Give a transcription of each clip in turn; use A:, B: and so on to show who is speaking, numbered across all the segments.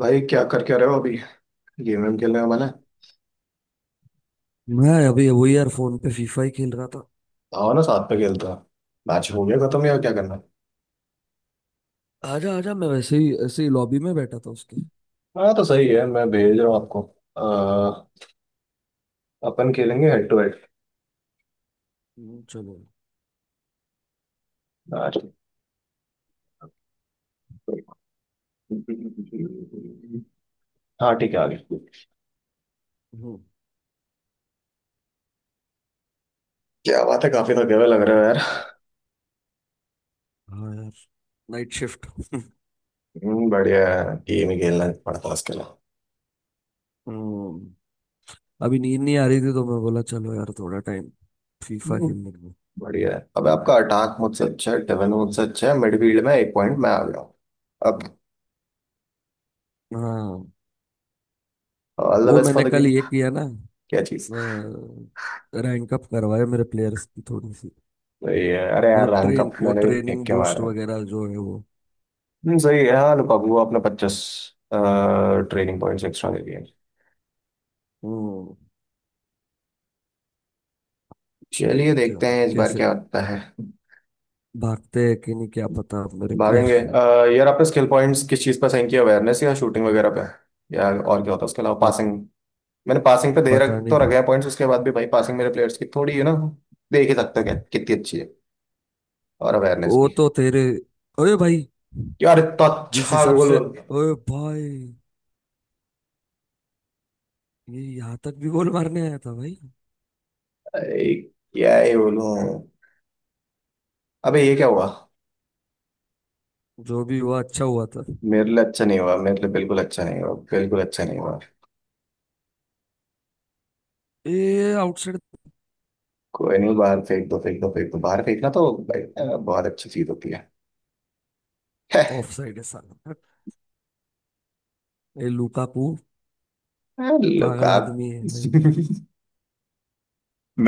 A: भाई, क्या रहे हो अभी। गेम वेम खेलने का मन है?
B: मैं अभी वही यार फोन पे फीफा ही खेल रहा था।
A: आओ ना, साथ में खेलता। मैच हो गया खत्म या क्या करना है?
B: आजा आजा मैं वैसे ही ऐसे ही लॉबी में बैठा था उसके।
A: हाँ तो सही है, मैं भेज रहा हूँ आपको। अह, अपन खेलेंगे हेड टू हेड
B: चलो।
A: मैच। हाँ ठीक है, आगे।
B: हम्म।
A: क्या बात है, काफी थके हुए लग रहे हो यार।
B: ये- हाँ यार। Night shift.
A: बढ़िया है, गेम ही खेलना है, पड़ता है इसके लिए।
B: हम्म, अभी नींद नहीं आ रही थी तो मैं बोला चलो यार थोड़ा टाइम फीफा
A: हम्म,
B: खेलने को।
A: बढ़िया है। अब आपका अटैक मुझसे अच्छा है, डिफेंस मुझसे अच्छा है, मिडफील्ड में एक पॉइंट मैं आ गया हूँ अब।
B: हाँ।
A: ऑल द
B: वो
A: बेस्ट फॉर
B: मैंने
A: द
B: कल
A: गेम।
B: ये किया ना।
A: क्या चीज?
B: रैंक अप करवाया मेरे प्लेयर्स की थोड़ी सी।
A: सही है, अरे यार
B: मतलब
A: रैंक अप मैंने भी फेंक
B: ट्रेनिंग
A: के
B: बूस्ट
A: मारा।
B: वगैरह जो है वो।
A: सही है। हाँ लुकाकू आपने 50 ट्रेनिंग पॉइंट्स एक्स्ट्रा दे दिए।
B: हम्म, ठीक
A: चलिए
B: क्या
A: देखते हैं इस बार
B: कैसे
A: क्या होता है।
B: भागते हैं कि नहीं क्या पता अब मेरे
A: भागेंगे।
B: प्लेयर।
A: यार आपने स्किल पॉइंट्स किस चीज़ पर साइन किया, अवेयरनेस या शूटिंग वगैरह पे? या और क्या होता है उसके अलावा, पासिंग? मैंने पासिंग पे दे रख
B: पता
A: तो
B: नहीं।
A: रखे हैं पॉइंट्स, उसके बाद भी भाई पासिंग मेरे प्लेयर्स की थोड़ी है ना। देख ही सकते हो क्या कितनी अच्छी है, और अवेयरनेस
B: वो
A: भी।
B: तो तेरे। ओए भाई
A: यार इतना
B: जिस
A: अच्छा
B: हिसाब
A: गोल।
B: से। ओए भाई ये यहाँ तक भी गोल मारने आया था भाई।
A: अरे, क्या ही बोलूं। अबे ये क्या हुआ?
B: जो भी हुआ अच्छा हुआ था।
A: मेरे लिए अच्छा नहीं हुआ, मेरे लिए बिल्कुल अच्छा नहीं हुआ, बिल्कुल अच्छा नहीं हुआ।
B: ये आउटसाइड
A: कोई नहीं, बाहर फेंक दो, फेंक दो, फेंक दो। बाहर फेंकना तो भाई बहुत अच्छी चीज होती है।
B: तो ऑफ साइड है साला। ये लुकाकू
A: लोग
B: पागल
A: आप।
B: आदमी है।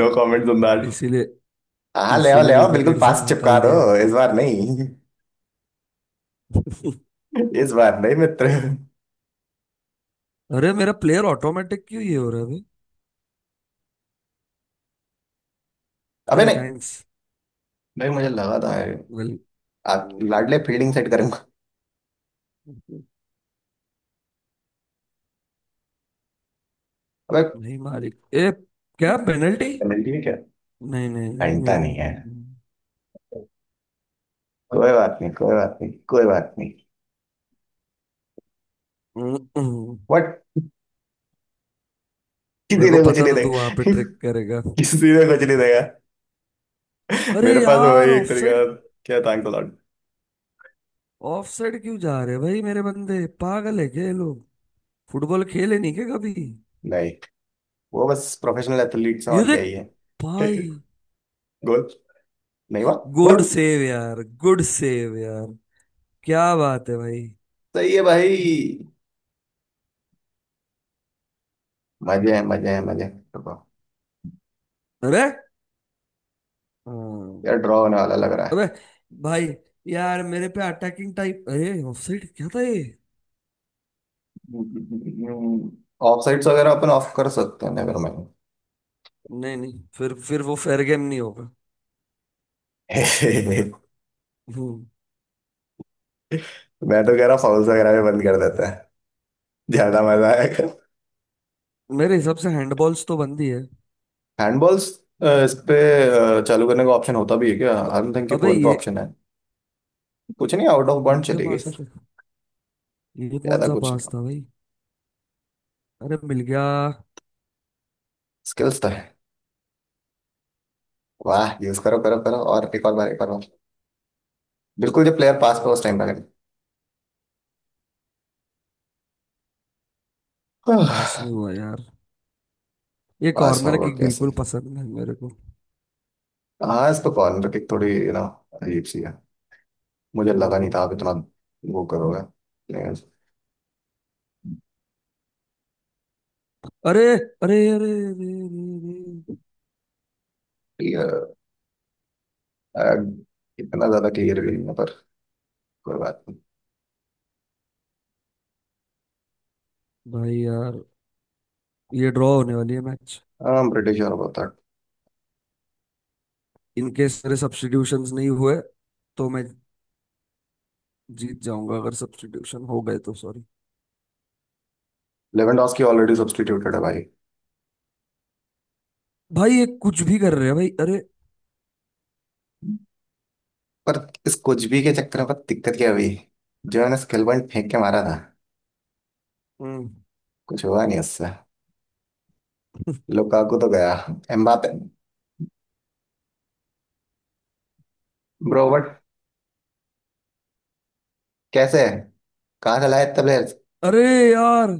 A: No comments on that.
B: इसीलिए।
A: हाँ ले आओ,
B: इसीलिए
A: ले आओ, बिल्कुल
B: यूनाइटेड से
A: पास चिपका
B: हकल
A: दो।
B: दिया।
A: इस बार नहीं। इस बार नहीं मित्र।
B: अरे मेरा प्लेयर ऑटोमेटिक क्यों ये हो रहा है भाई।
A: अबे
B: अरे
A: नहीं।
B: थैंक्स।
A: भाई मुझे लगा था
B: वेल।
A: आप लाडले फील्डिंग सेट करेंगे। अबे,
B: नहीं मालिक। ए। क्या पेनल्टी।
A: पेनल्टी है क्या?
B: नहीं नहीं नहीं
A: घंटा नहीं
B: नहीं,
A: है।
B: नहीं,
A: कोई बात नहीं, कोई बात नहीं, कोई बात नहीं।
B: नहीं, नहीं।
A: बट किसी
B: मेरे को
A: ने कुछ
B: पता
A: नहीं
B: था तू वहां
A: देगा।
B: पे ट्रिक करेगा।
A: किसी ने कुछ नहीं देगा।
B: अरे
A: मेरे पास
B: यार
A: वही एक
B: ऑफ
A: तरीका
B: साइड।
A: था। क्या थैंक गॉड।
B: ऑफ साइड क्यों जा रहे हैं भाई मेरे बंदे पागल है क्या ये लोग। फुटबॉल खेले नहीं क्या कभी।
A: नहीं, वो बस प्रोफेशनल एथलीट्स हैं,
B: ये
A: और क्या
B: देख
A: ही है।
B: भाई।
A: गोल नहीं हुआ।
B: गुड
A: बस
B: सेव यार गुड सेव यार। क्या बात है भाई।
A: सही है भाई। मजे हैं, मजे हैं, मजे हैं। रुको।
B: अरे हाँ,
A: यार ड्रॉ होने वाला लग रहा है।
B: अबे भाई। यार मेरे पे अटैकिंग टाइप अरे ऑफ साइड क्या था ये।
A: ऑफ साइड्स वगैरह अपन ऑफ कर सकते हैं, नेवर माइंड।
B: नहीं नहीं फिर वो फेयर गेम नहीं होगा। हम्म।
A: मैं तो कह रहा फाउल्स वगैरह भी बंद कर देते हैं, ज्यादा मजा आएगा।
B: मेरे हिसाब से हैंडबॉल्स तो बनती है।
A: हैंडबॉल्स इस पे चालू करने का ऑप्शन होता भी है क्या?
B: ब-
A: आई डोंट थिंक कि
B: अबे
A: फोन पे
B: ये।
A: ऑप्शन है। कुछ नहीं, आउट ऑफ बाउंड
B: ये क्या
A: चली गई सर।
B: बात है। ये कौन
A: ज्यादा
B: सा
A: कुछ
B: पास
A: नहीं,
B: था भाई। अरे मिल गया।
A: स्किल्स तो है। वाह, यूज करो, करो, करो। और एक और बार, एक और बार। बिल्कुल, जब प्लेयर पास पे उस टाइम लगे।
B: पास में हुआ यार। ये
A: पास
B: कॉर्नर
A: होगा
B: किक
A: कैसे?
B: बिल्कुल पसंद नहीं मेरे को।
A: हाँ, इस तो कॉर्नर किक थोड़ी ना, अजीब सी है। मुझे लगा नहीं
B: ओ।
A: था आप इतना वो करोगे क्लियर।
B: अरे अरे अरे अरे अरे, अरे।
A: इतना ज्यादा क्लियर भी नहीं है पर, कोई बात नहीं।
B: भाई यार। ये ड्रॉ होने वाली है मैच।
A: हाँ, ब्रिटिश और बहुत था।
B: इन केस मेरे सब्स्टिट्यूशंस नहीं हुए तो मैं जीत जाऊंगा अगर सब्स्टिट्यूशन हो गए तो सॉरी।
A: लेवेंडोस्की ऑलरेडी सब्स्टिट्यूटेड है भाई।
B: भाई ये कुछ भी कर रहे हैं भाई अरे।
A: पर इस कुछ भी के चक्कर में पता दिक्कत क्या हुई, जो मैंने स्किल पॉइंट फेंक के मारा था,
B: हम्म।
A: कुछ हुआ नहीं उससे। लुकाकू तो गया, एम्बापे ब्रो बट कैसे? कहाँ चला है इतना प्लेयर?
B: अरे यार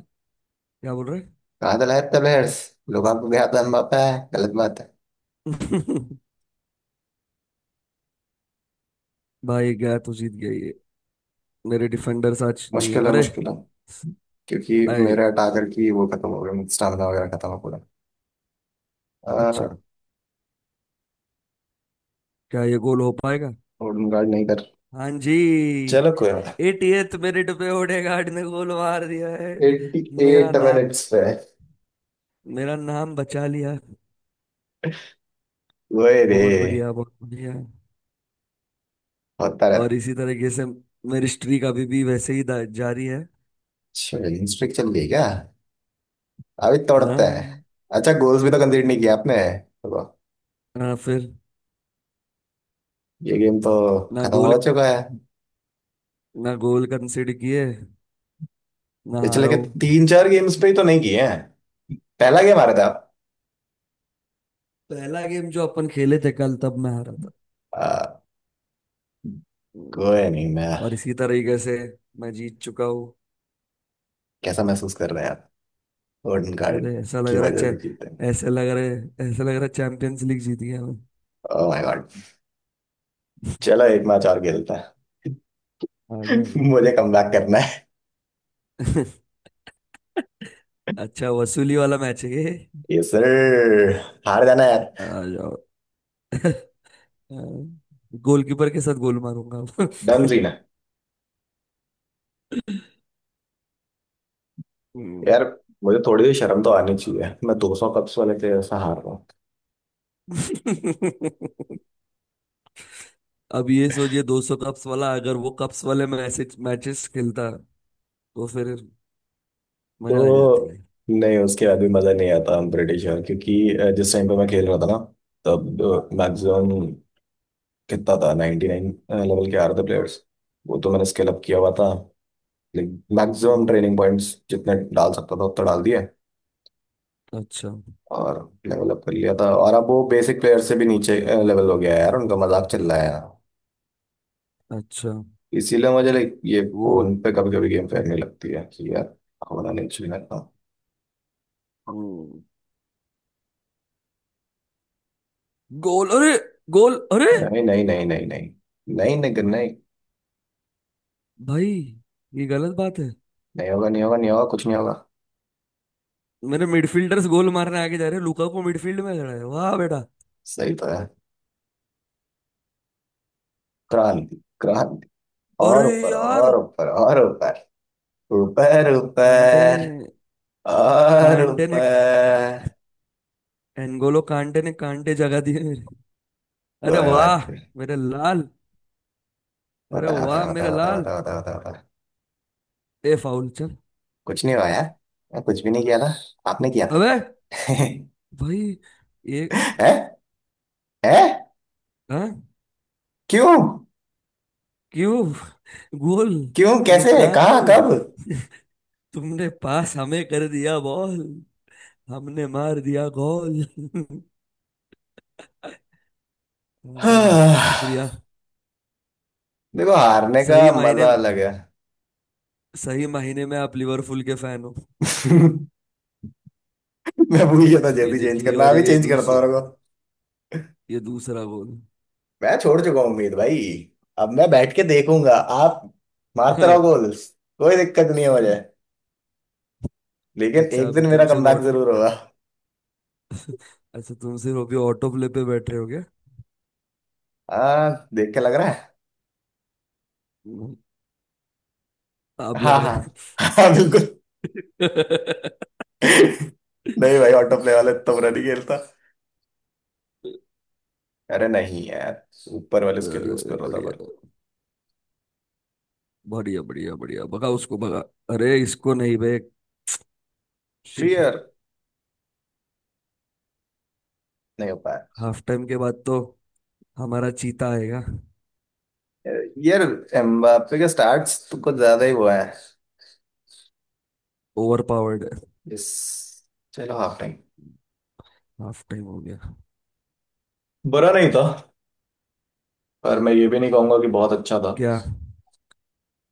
B: क्या बोल रहे
A: قاعدة لعيبة الحارس لو भाग गया तो एम्बाप्पे है, गलत बात है।
B: हैं? भाई गया तो जीत गया ये। मेरे डिफेंडर्स आज नहीं है
A: मुश्किल है,
B: अरे।
A: मुश्किल है। क्योंकि
B: आए।
A: मेरे अटाकर की वो खत्म हो गया, स्टामिना वगैरह खत्म हो पूरा।
B: अच्छा। क्या ये गोल हो पाएगा।
A: होल्डिंग गार्ड नहीं कर।
B: हाँ जी।
A: चलो कोई बात।
B: 80th मिनट पे ओडेगार्ड ने गोल मार दिया है।
A: एट्टी
B: मेरा
A: एट
B: नाक
A: मिनट्स पे।
B: मेरा नाम बचा लिया।
A: वही रे।
B: बहुत बढ़िया बहुत बढ़िया।
A: होता
B: और
A: रहता।
B: इसी तरीके से मेरी स्ट्रीक अभी भी वैसे ही जारी है।
A: अच्छा, स्ट्रिक चल रही है क्या? अभी तोड़ते हैं।
B: हाँ।
A: अच्छा गोल्स भी तो कंसीडर नहीं किया आपने तो।
B: हाँ, फिर।
A: ये गेम तो
B: ना
A: खत्म
B: गोल
A: हो चुका है।
B: ना गोल कंसिड किए ना
A: पिछले
B: हारा
A: के
B: हूँ।
A: तीन चार गेम्स पे ही तो नहीं किए हैं। पहला गेम आ रहा था आप।
B: पहला गेम जो अपन खेले थे कल तब मैं हारा था।
A: आ,
B: हम्म,
A: कोई नहीं। मैं
B: और इसी तरीके से मैं जीत चुका हूँ।
A: कैसा महसूस कर रहे हैं आप? गोल्डन कार्ड
B: अरे ऐसा लग
A: की
B: रहा है
A: वजह से जीते हैं।
B: ऐसा लग रहा है ऐसा लग रहा है चैंपियंस लीग जीत गया मैं।
A: Oh my god. चलो एक मैच और खेलते हैं।
B: आ जा आ जा।
A: मुझे कमबैक करना है।
B: अच्छा वसूली वाला मैच है ये।
A: ये सर हार जाना यार।
B: आ जाओ। गोलकीपर के साथ गोल मारूंगा अब।
A: डन सीन है।
B: हम्म।
A: यार मुझे थोड़ी सी शर्म तो आनी चाहिए, मैं 200 कप्स वाले के जैसा हार रहा हूँ
B: अब ये सोचिए 200 कप्स वाला अगर वो कप्स वाले में ऐसे मैचेस खेलता तो फिर मजा आ जाती
A: तो।
B: है।
A: नहीं, उसके बाद भी मज़ा नहीं आता। हम ब्रिटिश श्योर क्योंकि जिस टाइम पे मैं खेल रहा था ना, तब
B: हम्म।
A: मैक्सिमम कितना था, 99 लेवल के आ रहे थे प्लेयर्स। वो तो मैंने स्केल अप किया हुआ था, लाइक मैक्सिमम
B: हम्म,
A: ट्रेनिंग पॉइंट्स जितने डाल सकता था उतना डाल दिए,
B: अच्छा।
A: और लेवल अप कर लिया था। और अब वो बेसिक प्लेयर से भी नीचे लेवल हो गया है यार, उनका मजाक चल रहा है यार।
B: अच्छा
A: इसीलिए मुझे लाइक ये
B: वो।
A: फोन पे कभी कभी गेम खेलने लगती है कि यार, होना नहीं चाहिए लगता।
B: हम्म, गोल अरे। गोल अरे।
A: नहीं, नहीं, नहीं, नहीं, नहीं, नहीं, नहीं, नहीं, नहीं।
B: भाई ये गलत बात है।
A: नहीं होगा, नहीं होगा, नहीं होगा, कुछ नहीं होगा।
B: मेरे मिडफील्डर्स गोल मारने आगे जा रहे हैं लुकाकू मिडफील्ड में खड़ा है वाह बेटा।
A: सही तो है। क्रांति, क्रांति। और
B: अरे
A: ऊपर,
B: यार
A: और ऊपर, और ऊपर, ऊपर,
B: कांटे।
A: ऊपर, और
B: कांटे ने
A: ऊपर।
B: एनगोलो कांटे ने कांटे जगा दिए मेरे। अरे
A: कोई बात
B: वाह
A: नहीं।
B: मेरे लाल। अरे
A: होता है, होता है,
B: वाह
A: होता है,
B: मेरे
A: होता है,
B: लाल।
A: होता है, होता है, होता है।
B: ए फाउल चल।
A: कुछ नहीं हुआ यार। मैं कुछ भी नहीं किया था, आपने किया था।
B: अबे
A: है।
B: भाई। ये।
A: है।
B: हाँ।
A: क्यों?
B: क्यों। गोल
A: क्यों? कैसे?
B: लुकाकू।
A: कहाँ? कब?
B: तुमने पास हमें कर दिया बॉल हमने मार दिया गोल। अरे वाह
A: हाँ,
B: शुक्रिया।
A: देखो हारने का
B: सही मायने
A: मजा
B: में।
A: अलग है।
B: सही महीने में आप लिवरपूल के फैन हो।
A: मैं भूल गया था
B: ये
A: जल्दी चेंज
B: देखिए
A: करना,
B: और
A: अभी चेंज करता हूँ रुको।
B: ये दूसरा गोल।
A: मैं छोड़ चुका हूँ उम्मीद भाई। अब मैं बैठ के देखूंगा, आप मारते रहो गोल्स। कोई दिक्कत नहीं है मुझे, लेकिन
B: अच्छा
A: एक
B: अभी
A: दिन मेरा
B: तुमसे
A: कमबैक
B: वॉट
A: जरूर होगा।
B: अच्छा तुमसे अभी ऑटो प्ले पे बैठ रहे हो क्या।
A: हाँ, देख के लग रहा है।
B: हम्म, आप लग
A: हाँ
B: रहे
A: हाँ।
B: हैं।
A: हाँ बिल्कुल। नहीं भाई, ऑटो प्ले वाले तो बुरा नहीं खेलता। अरे नहीं यार, ऊपर वाले उसके लिए यूज
B: अरे
A: कर रहा था
B: बढ़िया
A: पर।
B: बढ़िया बढ़िया बढ़िया भगा उसको भगा। अरे इसको नहीं बे।
A: क्लियर नहीं हो पाया।
B: हाफ टाइम के बाद तो हमारा चीता आएगा।
A: यार, एम्बाप्पे का स्टार्ट्स तो कुछ ज्यादा ही हुआ है
B: ओवर पावर्ड है।
A: इस। चलो हाफ टाइम।
B: हाफ टाइम हो गया।
A: बुरा नहीं था पर मैं ये भी नहीं कहूंगा कि बहुत अच्छा था।
B: क्या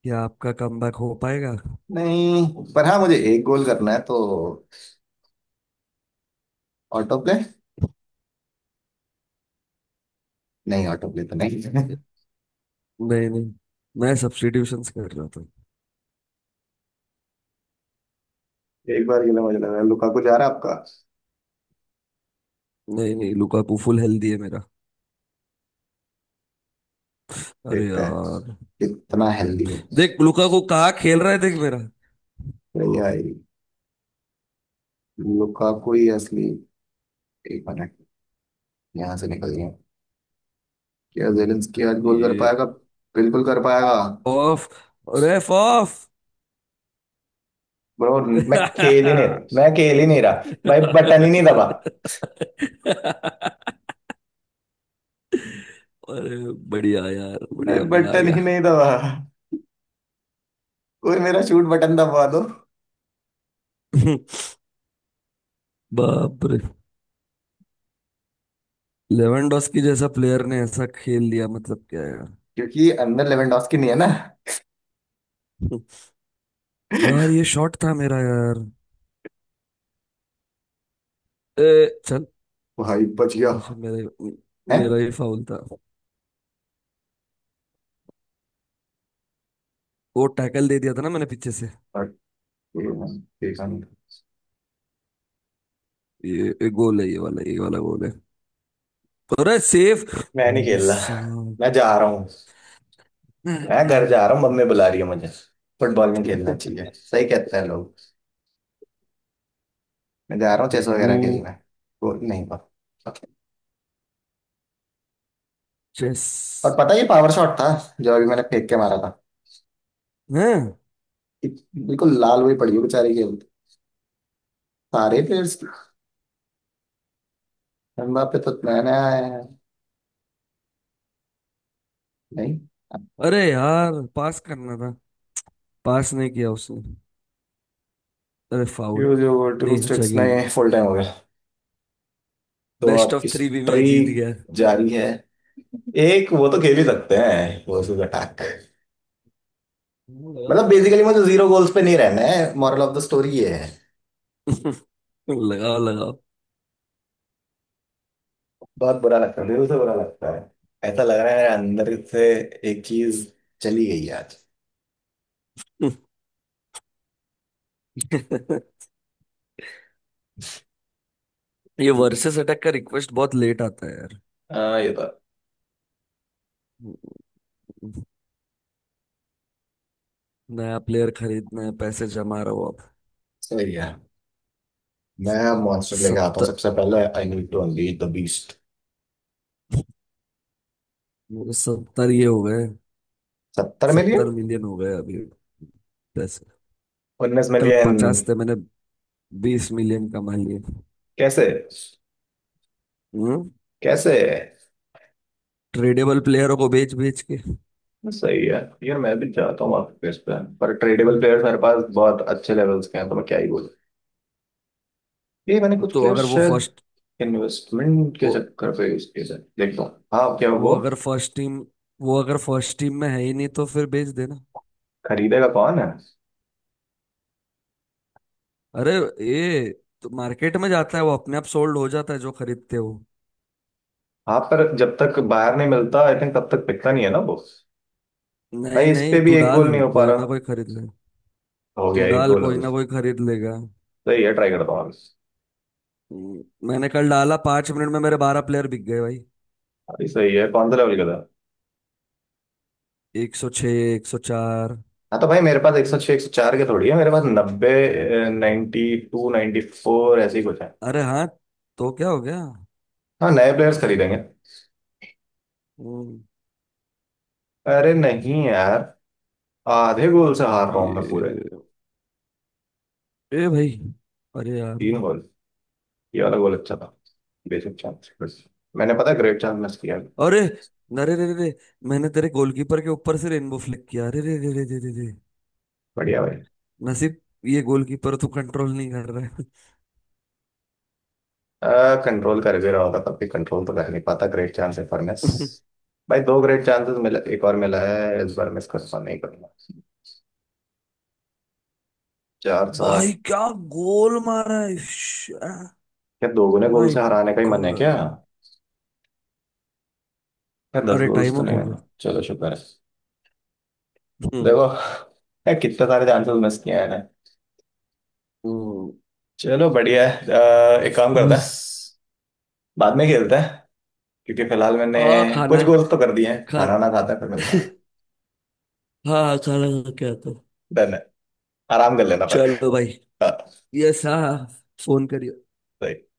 B: क्या आपका कमबैक हो पाएगा।
A: नहीं, पर हाँ मुझे एक गोल करना है तो। Auto play? नहीं, ऑटो प्ले तो नहीं।
B: नहीं नहीं मैं सब्स्टिट्यूशंस कर रहा था।
A: एक बार के लिए मुझे लग रहा है लुकाकू जा रहा है आपका।
B: नहीं नहीं लुकाकू फुल हेल्दी है मेरा। अरे
A: देखते हैं
B: यार।
A: कितना हेल्दी है।
B: देख लुकाकू कहाँ खेल रहा है देख मेरा।
A: भैया लुकाकू ही असली। एक मिनट, यहाँ से निकल गया। क्या जेलेंस्की आज गोल कर
B: ये
A: पाएगा? बिल्कुल कर पाएगा।
B: Off ref off.
A: ब्रो, मैं खेल ही नहीं। मैं खेल ही नहीं रहा भाई, बटन ही नहीं दबा।
B: अरे बढ़िया यार
A: भाई
B: बढ़िया मजा आ
A: बटन ही
B: गया।
A: नहीं दबा। कोई मेरा शूट बटन दबा दो।
B: बाप रे। लेवेंडोस्की जैसा प्लेयर ने ऐसा खेल लिया मतलब क्या यार।
A: क्योंकि अंदर लेवेंडोस्की नहीं है ना।
B: यार ये शॉट था मेरा यार। ए, चल।
A: भाई बच गया।
B: अच्छा मेरा
A: है।
B: मेरा ही फाउल था। वो टैकल दे दिया था ना मैंने पीछे से। ये गोल है ये वाला गोल है। और सेफ।
A: मैं नहीं
B: भाई
A: खेल रहा।
B: साहब।
A: मैं जा रहा हूँ, मैं घर जा रहा हूँ, मम्मी बुला रही है मुझे। फुटबॉल में खेलना चाहिए, सही कहते हैं लोग। मैं जा रहा हूँ चेस
B: वो
A: वगैरह खेलना। वो नहीं पा।
B: चेस
A: और पता है ये पावर शॉट था जो अभी मैंने फेंक के मारा था।
B: है।
A: बिल्कुल लाल हुई पड़ी है बेचारी खेल, सारे प्लेयर्स। एम्बाप्पे तो नया नया आया है। नहीं,
B: अरे यार पास करना था। पास नहीं किया उसने। अरे फाउल।
A: ये जो वर्टिकल
B: नहीं अच्छा
A: स्टेक्स
B: गेम।
A: नए फुल टाइम हो गया तो
B: बेस्ट
A: आपकी
B: ऑफ थ्री भी मैं
A: स्ट्री
B: जीत गया।
A: जारी है। एक वो तो खेल ही सकते हैं, वर्सेस अटैक।
B: लगाओ
A: मतलब
B: लगाओ।
A: बेसिकली मुझे जीरो गोल्स पे नहीं रहना है, मॉरल ऑफ द स्टोरी ये है।
B: लगाओ लगाओ।
A: बहुत बुरा लगता है, दिल से बुरा लगता है। ऐसा लग रहा है मेरे अंदर से एक चीज चली गई है आज।
B: ये वर्सेस अटैक का रिक्वेस्ट बहुत लेट आता है यार।
A: हाँ ये तो
B: नया प्लेयर खरीदना है पैसे जमा रहे हो आप।
A: सही है। मैं मॉन्स्टर लेके आता हूँ
B: सत्तर
A: सबसे पहले, I need to unleash the beast.
B: 70 ये हो गए।
A: 70 मिलियन।
B: 70 मिलियन हो गए अभी पैसे।
A: उन्नीस
B: कल
A: मिलियन
B: 50 थे मैंने 20 मिलियन कमा लिए।
A: कैसे?
B: हम्म।
A: कैसे?
B: ट्रेडेबल प्लेयरों को बेच बेच के।
A: सही है। यार मैं भी चाहता हूँ आपके प्लेयर्स पे, पर ट्रेडेबल प्लेयर्स मेरे पास बहुत अच्छे लेवल्स के हैं तो मैं क्या ही बोलूँ। ये मैंने कुछ
B: तो
A: प्लेयर्स
B: अगर वो
A: शायद
B: फर्स्ट
A: इन्वेस्टमेंट के
B: वो
A: चक्कर पे यूज किए थे। देखता हूँ हाँ क्या
B: वो
A: वो।
B: अगर फर्स्ट टीम वो अगर फर्स्ट टीम में है ही नहीं तो फिर बेच देना।
A: खरीदेगा कौन है?
B: अरे ये तो मार्केट में जाता है वो अपने आप सोल्ड हो जाता है जो खरीदते हो।
A: हाँ पर जब तक बाहर नहीं मिलता आई थिंक तब तक पिकता नहीं है ना वो।
B: नहीं
A: भाई इस पे
B: नहीं
A: भी
B: तू
A: एक गोल
B: डाल
A: नहीं हो पा
B: कोई ना
A: रहा।
B: कोई खरीद ले।
A: हो
B: तू
A: गया, एक
B: डाल
A: गोल हो
B: कोई
A: गया।
B: ना कोई खरीद लेगा।
A: सही है, ट्राई करता हूँ अभी।
B: हम्म, मैंने कल डाला 5 मिनट में मेरे 12 प्लेयर बिक गए भाई।
A: अभी सही है, कौन सा लेवल का था?
B: 106। 104।
A: हाँ तो भाई मेरे पास 106, 104 के थोड़ी है। मेरे पास 90, 92, 94 ऐसे ही कुछ है।
B: अरे हाँ तो क्या हो गया।
A: हाँ नए प्लेयर्स खरीदेंगे।
B: वो।
A: अरे नहीं यार, आधे गोल से हार रहा हूँ मैं पूरे।
B: ये। ए भाई। अरे यार।
A: तीन गोल। ये वाला गोल अच्छा था। बेसिक चांस बस। मैंने पता ग्रेट चांस मिस किया।
B: अरे अरे रे रे रे, मैंने तेरे गोलकीपर के ऊपर से रेनबो फ्लिक किया अरे रे रे रे रे रे रे।
A: बढ़िया भाई।
B: नसीब। ये गोलकीपर तो कंट्रोल नहीं कर रहा
A: कंट्रोल कर भी रहा होगा तब भी कंट्रोल तो कर नहीं पाता। ग्रेट चांस है पर miss।
B: है।
A: भाई दो ग्रेट चांसेस मिला, एक और मिला है इस बार, मिस करना नहीं करना। चार
B: भाई
A: सात
B: क्या गोल मारा है।
A: क्या दोगुने गोल
B: माय
A: से हराने का ही मन है क्या?
B: गॉड।
A: क्या दस
B: अरे
A: गोल
B: टाइम
A: तो
B: अप
A: नहीं
B: हो गया।
A: होना, चलो शुक्र है।
B: हम्म।
A: देखो यार कितने सारे चांसेस मिस किए हैं मैंने।
B: हम्म।
A: चलो बढ़िया है एक काम करते हैं,
B: Yes.
A: बाद में खेलते हैं, क्योंकि फिलहाल मैंने
B: हाँ
A: कुछ
B: खाना
A: गोल्स तो कर दिए हैं।
B: खा।
A: खाना ना खाता है फिर मिलता है।
B: हाँ खाना खा के आता हूँ।
A: डन है, आराम कर लेना पर।
B: चलो भाई।
A: हाँ।
B: यस हाँ फोन करियो।
A: सही।